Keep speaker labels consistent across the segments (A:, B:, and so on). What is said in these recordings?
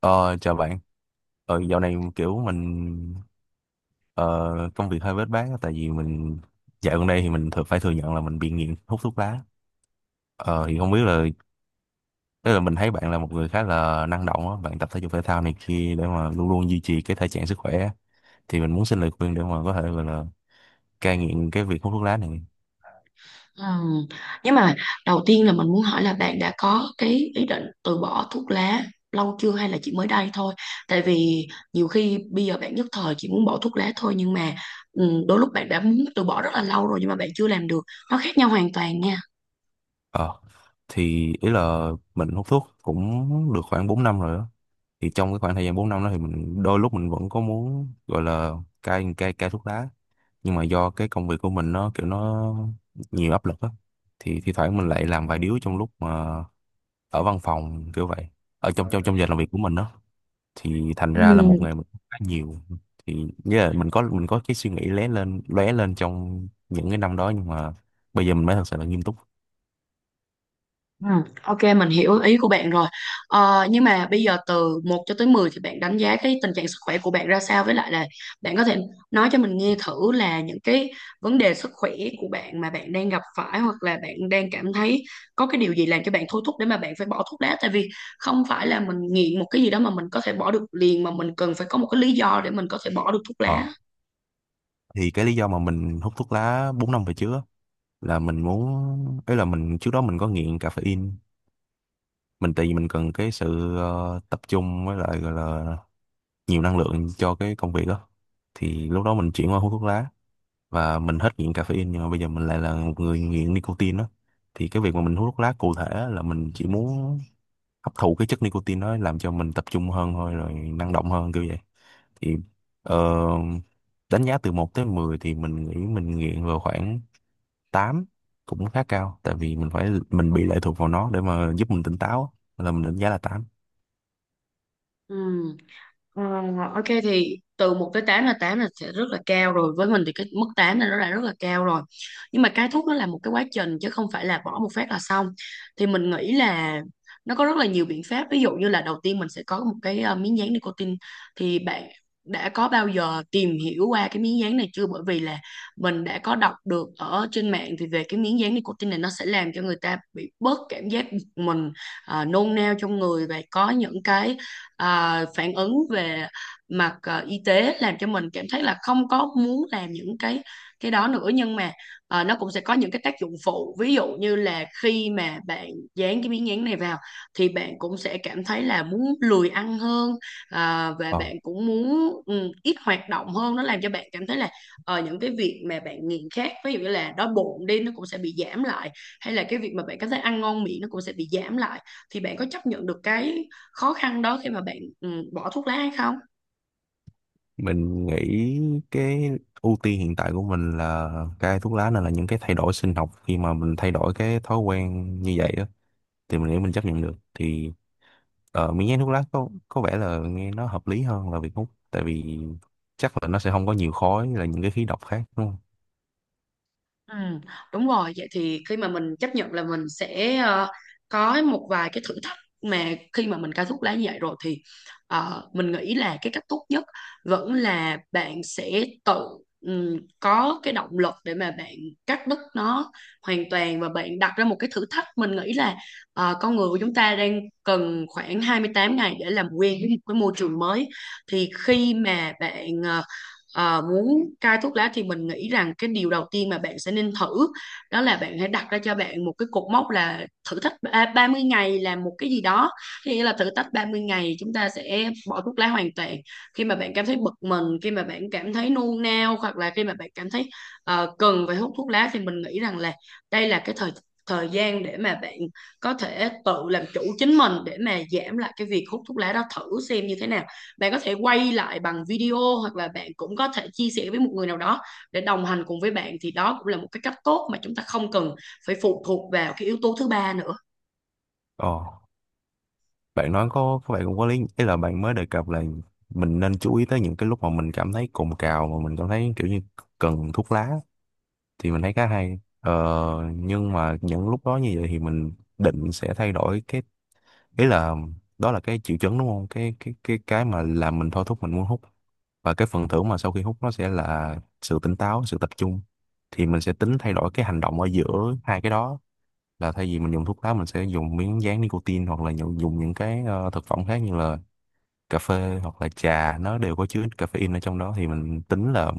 A: Ờ, Chào bạn. Dạo này kiểu mình ờ, công việc hơi bết bát á, tại vì mình dạo gần đây thì mình thường phải thừa nhận là mình bị nghiện hút thuốc lá. Thì không biết là, tức là mình thấy bạn là một người khá là năng động á, bạn tập thể dục thể thao này kia để mà luôn luôn duy trì cái thể trạng sức khỏe á. Thì mình muốn xin lời khuyên để mà có thể gọi là cai nghiện cái việc hút thuốc lá này.
B: Ừ. Nhưng mà đầu tiên là mình muốn hỏi là bạn đã có cái ý định từ bỏ thuốc lá lâu chưa hay là chỉ mới đây thôi? Tại vì nhiều khi bây giờ bạn nhất thời chỉ muốn bỏ thuốc lá thôi, nhưng mà đôi lúc bạn đã muốn từ bỏ rất là lâu rồi nhưng mà bạn chưa làm được. Nó khác nhau hoàn toàn nha.
A: Ờ, thì ý là mình hút thuốc cũng được khoảng 4 năm rồi á. Thì trong cái khoảng thời gian 4 năm đó thì mình đôi lúc mình vẫn có muốn gọi là cai cai cai thuốc lá, nhưng mà do cái công việc của mình nó kiểu nó nhiều áp lực á. Thì thi thoảng mình lại làm vài điếu trong lúc mà ở văn phòng kiểu vậy, ở trong trong trong giờ làm việc của mình đó, thì thành ra là một
B: Ừ.
A: ngày mình hút khá nhiều. Thì nghĩa là mình có cái suy nghĩ lóe lên trong những cái năm đó, nhưng mà bây giờ mình mới thật sự là nghiêm túc.
B: Ừ, ok mình hiểu ý của bạn rồi, nhưng mà bây giờ từ một cho tới 10 thì bạn đánh giá cái tình trạng sức khỏe của bạn ra sao, với lại là bạn có thể nói cho mình nghe thử là những cái vấn đề sức khỏe của bạn mà bạn đang gặp phải, hoặc là bạn đang cảm thấy có cái điều gì làm cho bạn thôi thúc để mà bạn phải bỏ thuốc lá. Tại vì không phải là mình nghiện một cái gì đó mà mình có thể bỏ được liền, mà mình cần phải có một cái lý do để mình có thể bỏ được thuốc
A: ờ
B: lá.
A: thì cái lý do mà mình hút thuốc lá 4 năm về trước á, là mình muốn ấy là mình trước đó mình có nghiện caffeine. Mình, tại vì mình cần cái sự tập trung với lại gọi là nhiều năng lượng cho cái công việc đó. Thì lúc đó mình chuyển qua hút thuốc lá và mình hết nghiện caffeine, nhưng mà bây giờ mình lại là một người nghiện nicotine đó. Thì cái việc mà mình hút thuốc lá cụ thể là mình chỉ muốn hấp thụ cái chất nicotine đó làm cho mình tập trung hơn thôi, rồi năng động hơn kiểu vậy. Thì ờ, đánh giá từ một tới 10 thì mình nghĩ mình nghiện vào khoảng tám, cũng khá cao, tại vì mình bị lệ thuộc vào nó để mà giúp mình tỉnh táo á. Là mình đánh giá là tám.
B: Ừ. Ờ, ok thì từ một tới tám, là 8 là sẽ rất là cao rồi. Với mình thì cái mức 8 là nó đã rất là cao rồi, nhưng mà cái thuốc nó là một cái quá trình chứ không phải là bỏ một phát là xong. Thì mình nghĩ là nó có rất là nhiều biện pháp, ví dụ như là đầu tiên mình sẽ có một cái miếng dán nicotine. Thì bạn đã có bao giờ tìm hiểu qua cái miếng dán này chưa? Bởi vì là mình đã có đọc được ở trên mạng thì về cái miếng dán nicotine này, nó sẽ làm cho người ta bị bớt cảm giác bực mình, nôn nao trong người, và có những cái phản ứng về mặt y tế, làm cho mình cảm thấy là không có muốn làm những cái đó nữa. Nhưng mà nó cũng sẽ có những cái tác dụng phụ, ví dụ như là khi mà bạn dán cái miếng dán này vào thì bạn cũng sẽ cảm thấy là muốn lười ăn hơn, và
A: ờ.
B: bạn cũng muốn ít hoạt động hơn. Nó làm cho bạn cảm thấy là những cái việc mà bạn nghiện khác, ví dụ như là đói bụng đi, nó cũng sẽ bị giảm lại, hay là cái việc mà bạn cảm thấy ăn ngon miệng nó cũng sẽ bị giảm lại. Thì bạn có chấp nhận được cái khó khăn đó khi mà bạn bỏ thuốc lá hay không?
A: Mình nghĩ cái ưu tiên hiện tại của mình là cai thuốc lá, nên là những cái thay đổi sinh học khi mà mình thay đổi cái thói quen như vậy á thì mình nghĩ mình chấp nhận được. Thì miếng nhái thuốc lá có vẻ là nghe nó hợp lý hơn là việc hút, tại vì chắc là nó sẽ không có nhiều khói là những cái khí độc khác đúng không?
B: Ừ, đúng rồi. Vậy thì khi mà mình chấp nhận là mình sẽ có một vài cái thử thách mà khi mà mình cai thuốc lá như vậy rồi, thì mình nghĩ là cái cách tốt nhất vẫn là bạn sẽ tự có cái động lực để mà bạn cắt đứt nó hoàn toàn, và bạn đặt ra một cái thử thách. Mình nghĩ là con người của chúng ta đang cần khoảng 28 ngày để làm quen với một cái môi trường mới. Thì khi mà bạn muốn cai thuốc lá thì mình nghĩ rằng cái điều đầu tiên mà bạn sẽ nên thử đó là bạn hãy đặt ra cho bạn một cái cột mốc, là thử thách 30 ngày làm một cái gì đó. Có nghĩa là thử thách 30 ngày chúng ta sẽ bỏ thuốc lá hoàn toàn. Khi mà bạn cảm thấy bực mình, khi mà bạn cảm thấy nôn nao, hoặc là khi mà bạn cảm thấy cần phải hút thuốc lá, thì mình nghĩ rằng là đây là cái thời thời gian để mà bạn có thể tự làm chủ chính mình, để mà giảm lại cái việc hút thuốc lá đó, thử xem như thế nào. Bạn có thể quay lại bằng video hoặc là bạn cũng có thể chia sẻ với một người nào đó để đồng hành cùng với bạn, thì đó cũng là một cái cách tốt mà chúng ta không cần phải phụ thuộc vào cái yếu tố thứ ba nữa.
A: ờ Bạn nói có, các bạn cũng có lý. Ý là bạn mới đề cập là mình nên chú ý tới những cái lúc mà mình cảm thấy cồn cào, mà mình cảm thấy kiểu như cần thuốc lá, thì mình thấy khá hay. Ờ, nhưng mà những lúc đó như vậy thì mình định sẽ thay đổi cái, ý là đó là cái triệu chứng đúng không, cái mà làm mình thôi thúc mình muốn hút. Và cái phần thưởng mà sau khi hút nó sẽ là sự tỉnh táo, sự tập trung. Thì mình sẽ tính thay đổi cái hành động ở giữa hai cái đó, là thay vì mình dùng thuốc lá, mình sẽ dùng miếng dán nicotine hoặc là dùng những cái thực phẩm khác như là cà phê hoặc là trà, nó đều có chứa caffeine ở trong đó. Thì mình tính là,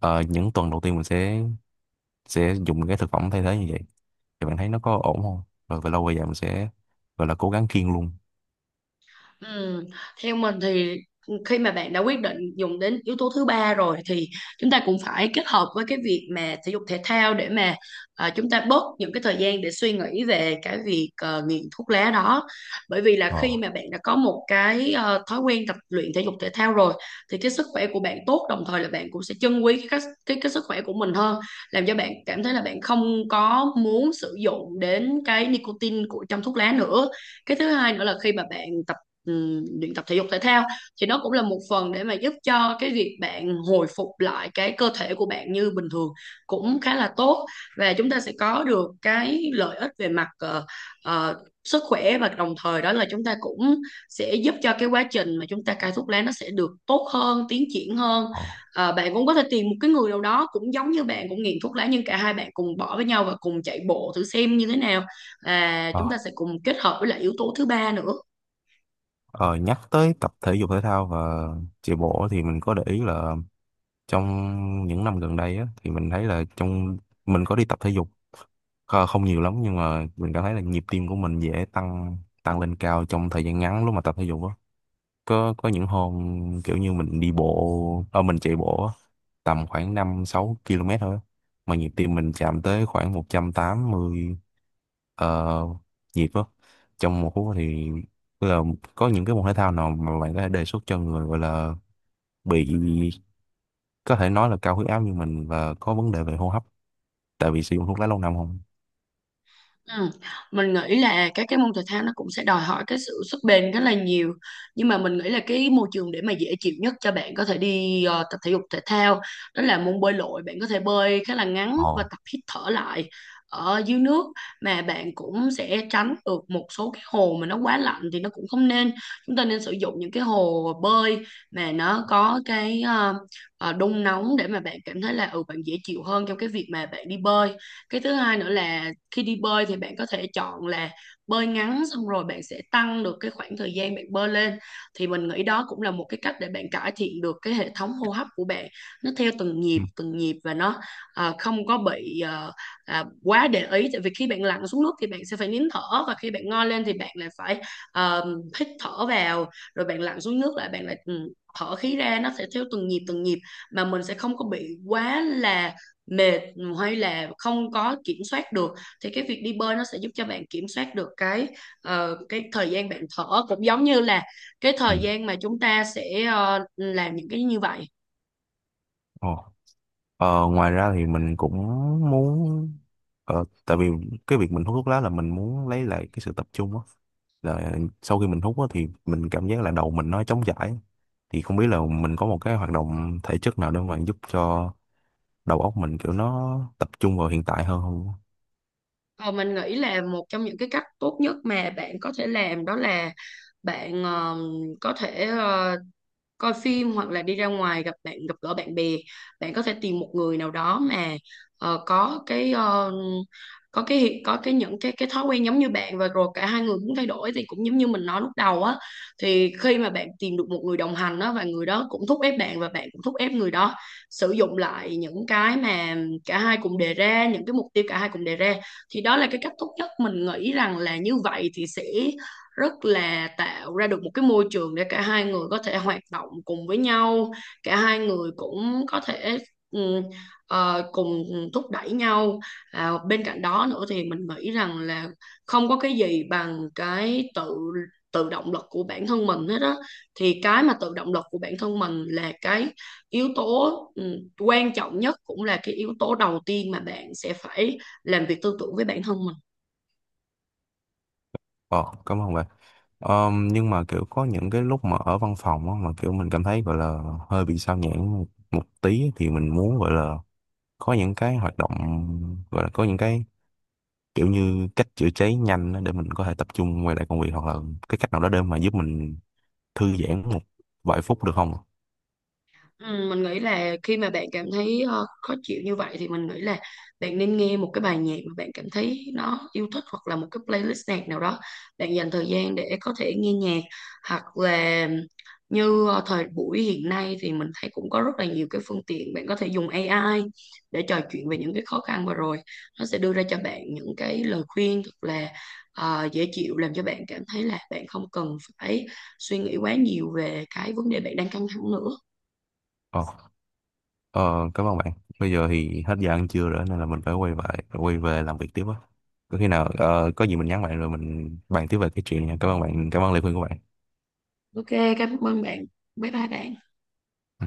A: những tuần đầu tiên mình sẽ dùng cái thực phẩm thay thế như vậy, thì bạn thấy nó có ổn không? Rồi về lâu về dài mình sẽ gọi là cố gắng kiêng luôn.
B: Ừ. Theo mình thì khi mà bạn đã quyết định dùng đến yếu tố thứ ba rồi thì chúng ta cũng phải kết hợp với cái việc mà thể dục thể thao, để mà chúng ta bớt những cái thời gian để suy nghĩ về cái việc nghiện thuốc lá đó. Bởi vì là khi
A: ờ
B: mà bạn đã có một cái thói quen tập luyện thể dục thể thao rồi thì cái sức khỏe của bạn tốt, đồng thời là bạn cũng sẽ trân quý cái cái sức khỏe của mình hơn, làm cho bạn cảm thấy là bạn không có muốn sử dụng đến cái nicotine của trong thuốc lá nữa. Cái thứ hai nữa là khi mà bạn tập luyện tập thể dục thể thao thì nó cũng là một phần để mà giúp cho cái việc bạn hồi phục lại cái cơ thể của bạn như bình thường, cũng khá là tốt. Và chúng ta sẽ có được cái lợi ích về mặt ờ, sức khỏe, và đồng thời đó là chúng ta cũng sẽ giúp cho cái quá trình mà chúng ta cai thuốc lá, nó sẽ được tốt hơn, tiến triển hơn.
A: ờ
B: Bạn cũng có thể tìm một cái người nào đó cũng giống như bạn, cũng nghiện thuốc lá, nhưng cả hai bạn cùng bỏ với nhau và cùng chạy bộ thử xem như thế nào, và
A: ờ
B: chúng ta sẽ cùng kết hợp với lại yếu tố thứ ba nữa.
A: Ờ, Nhắc tới tập thể dục thể thao và chạy bộ thì mình có để ý là, trong những năm gần đây á, thì mình thấy là, trong mình có đi tập thể dục không nhiều lắm, nhưng mà mình cảm thấy là nhịp tim của mình dễ tăng, lên cao trong thời gian ngắn lúc mà tập thể dục á. Có những hôm kiểu như mình đi bộ, mình chạy bộ á, tầm khoảng 5 6 km thôi á. Mà nhịp tim mình chạm tới khoảng 180 uh, nhịp á, trong một phút. Thì tức là có những cái môn thể thao nào mà bạn có thể đề xuất cho người gọi là bị, có thể nói là, cao huyết áp như mình và có vấn đề về hô hấp, tại vì sử dụng thuốc lá lâu năm không?
B: Ừ. Mình nghĩ là các cái môn thể thao nó cũng sẽ đòi hỏi cái sự sức bền rất là nhiều. Nhưng mà mình nghĩ là cái môi trường để mà dễ chịu nhất cho bạn có thể đi tập thể dục thể thao đó là môn bơi lội. Bạn có thể bơi khá là ngắn và
A: Ồ.
B: tập hít thở lại ở dưới nước, mà bạn cũng sẽ tránh được một số cái hồ mà nó quá lạnh thì nó cũng không nên. Chúng ta nên sử dụng những cái hồ bơi mà nó có cái đun nóng để mà bạn cảm thấy là bạn dễ chịu hơn trong cái việc mà bạn đi bơi. Cái thứ hai nữa là khi đi bơi thì bạn có thể chọn là bơi ngắn, xong rồi bạn sẽ tăng được cái khoảng thời gian bạn bơi lên. Thì mình nghĩ đó cũng là một cái cách để bạn cải thiện được cái hệ thống hô hấp của bạn, nó theo từng
A: Ừ.
B: nhịp từng nhịp, và nó không có bị quá để ý. Tại vì khi bạn lặn xuống nước thì bạn sẽ phải nín thở, và khi bạn ngoi lên thì bạn lại phải à, hít thở vào, rồi bạn lặn xuống nước lại, bạn lại thở khí ra, nó sẽ theo từng nhịp mà mình sẽ không có bị quá là mệt, hay là không có kiểm soát được. Thì cái việc đi bơi nó sẽ giúp cho bạn kiểm soát được cái thời gian bạn thở, cũng giống như là cái
A: Ừ.
B: thời gian mà chúng ta sẽ làm những cái như vậy.
A: Ồ. Ngoài ra thì mình cũng muốn, tại vì cái việc mình hút thuốc lá là mình muốn lấy lại cái sự tập trung á, là sau khi mình hút á thì mình cảm giác là đầu mình nó trống trải. Thì không biết là mình có một cái hoạt động thể chất nào để mà giúp cho đầu óc mình kiểu nó tập trung vào hiện tại hơn không?
B: Ờ, mình nghĩ là một trong những cái cách tốt nhất mà bạn có thể làm đó là bạn có thể coi phim, hoặc là đi ra ngoài gặp gỡ bạn bè. Bạn có thể tìm một người nào đó mà có cái có cái những cái thói quen giống như bạn, và rồi cả hai người muốn thay đổi, thì cũng giống như mình nói lúc đầu á. Thì khi mà bạn tìm được một người đồng hành á, và người đó cũng thúc ép bạn và bạn cũng thúc ép người đó sử dụng lại những cái mà cả hai cùng đề ra, những cái mục tiêu cả hai cùng đề ra, thì đó là cái cách tốt nhất. Mình nghĩ rằng là như vậy thì sẽ rất là tạo ra được một cái môi trường để cả hai người có thể hoạt động cùng với nhau, cả hai người cũng có thể ừ, cùng thúc đẩy nhau. Bên cạnh đó nữa thì mình nghĩ rằng là không có cái gì bằng cái tự tự động lực của bản thân mình hết á. Thì cái mà tự động lực của bản thân mình là cái yếu tố quan trọng nhất, cũng là cái yếu tố đầu tiên mà bạn sẽ phải làm việc tư tưởng với bản thân mình.
A: Ờ, Cảm ơn bạn. Nhưng mà kiểu có những cái lúc mà ở văn phòng á, mà kiểu mình cảm thấy gọi là hơi bị sao nhãng một tí, thì mình muốn gọi là có những cái hoạt động, gọi là có những cái kiểu như cách chữa cháy nhanh á, để mình có thể tập trung quay lại công việc, hoặc là cái cách nào đó để mà giúp mình thư giãn một vài phút được không?
B: Ừ, mình nghĩ là khi mà bạn cảm thấy khó chịu như vậy thì mình nghĩ là bạn nên nghe một cái bài nhạc mà bạn cảm thấy nó yêu thích, hoặc là một cái playlist nhạc nào đó. Bạn dành thời gian để có thể nghe nhạc, hoặc là như thời buổi hiện nay thì mình thấy cũng có rất là nhiều cái phương tiện. Bạn có thể dùng AI để trò chuyện về những cái khó khăn vừa rồi, nó sẽ đưa ra cho bạn những cái lời khuyên thật là dễ chịu, làm cho bạn cảm thấy là bạn không cần phải suy nghĩ quá nhiều về cái vấn đề bạn đang căng thẳng nữa.
A: Ờ, ờ, Cảm ơn bạn. Bây giờ thì hết giờ ăn trưa rồi, nên là mình phải quay về làm việc tiếp á. Có khi nào có gì mình nhắn bạn rồi mình bàn tiếp về cái chuyện nha. Cảm ơn bạn, cảm ơn lời khuyên của bạn.
B: Ok, cảm ơn bạn. Bye bye bạn.
A: Ừ.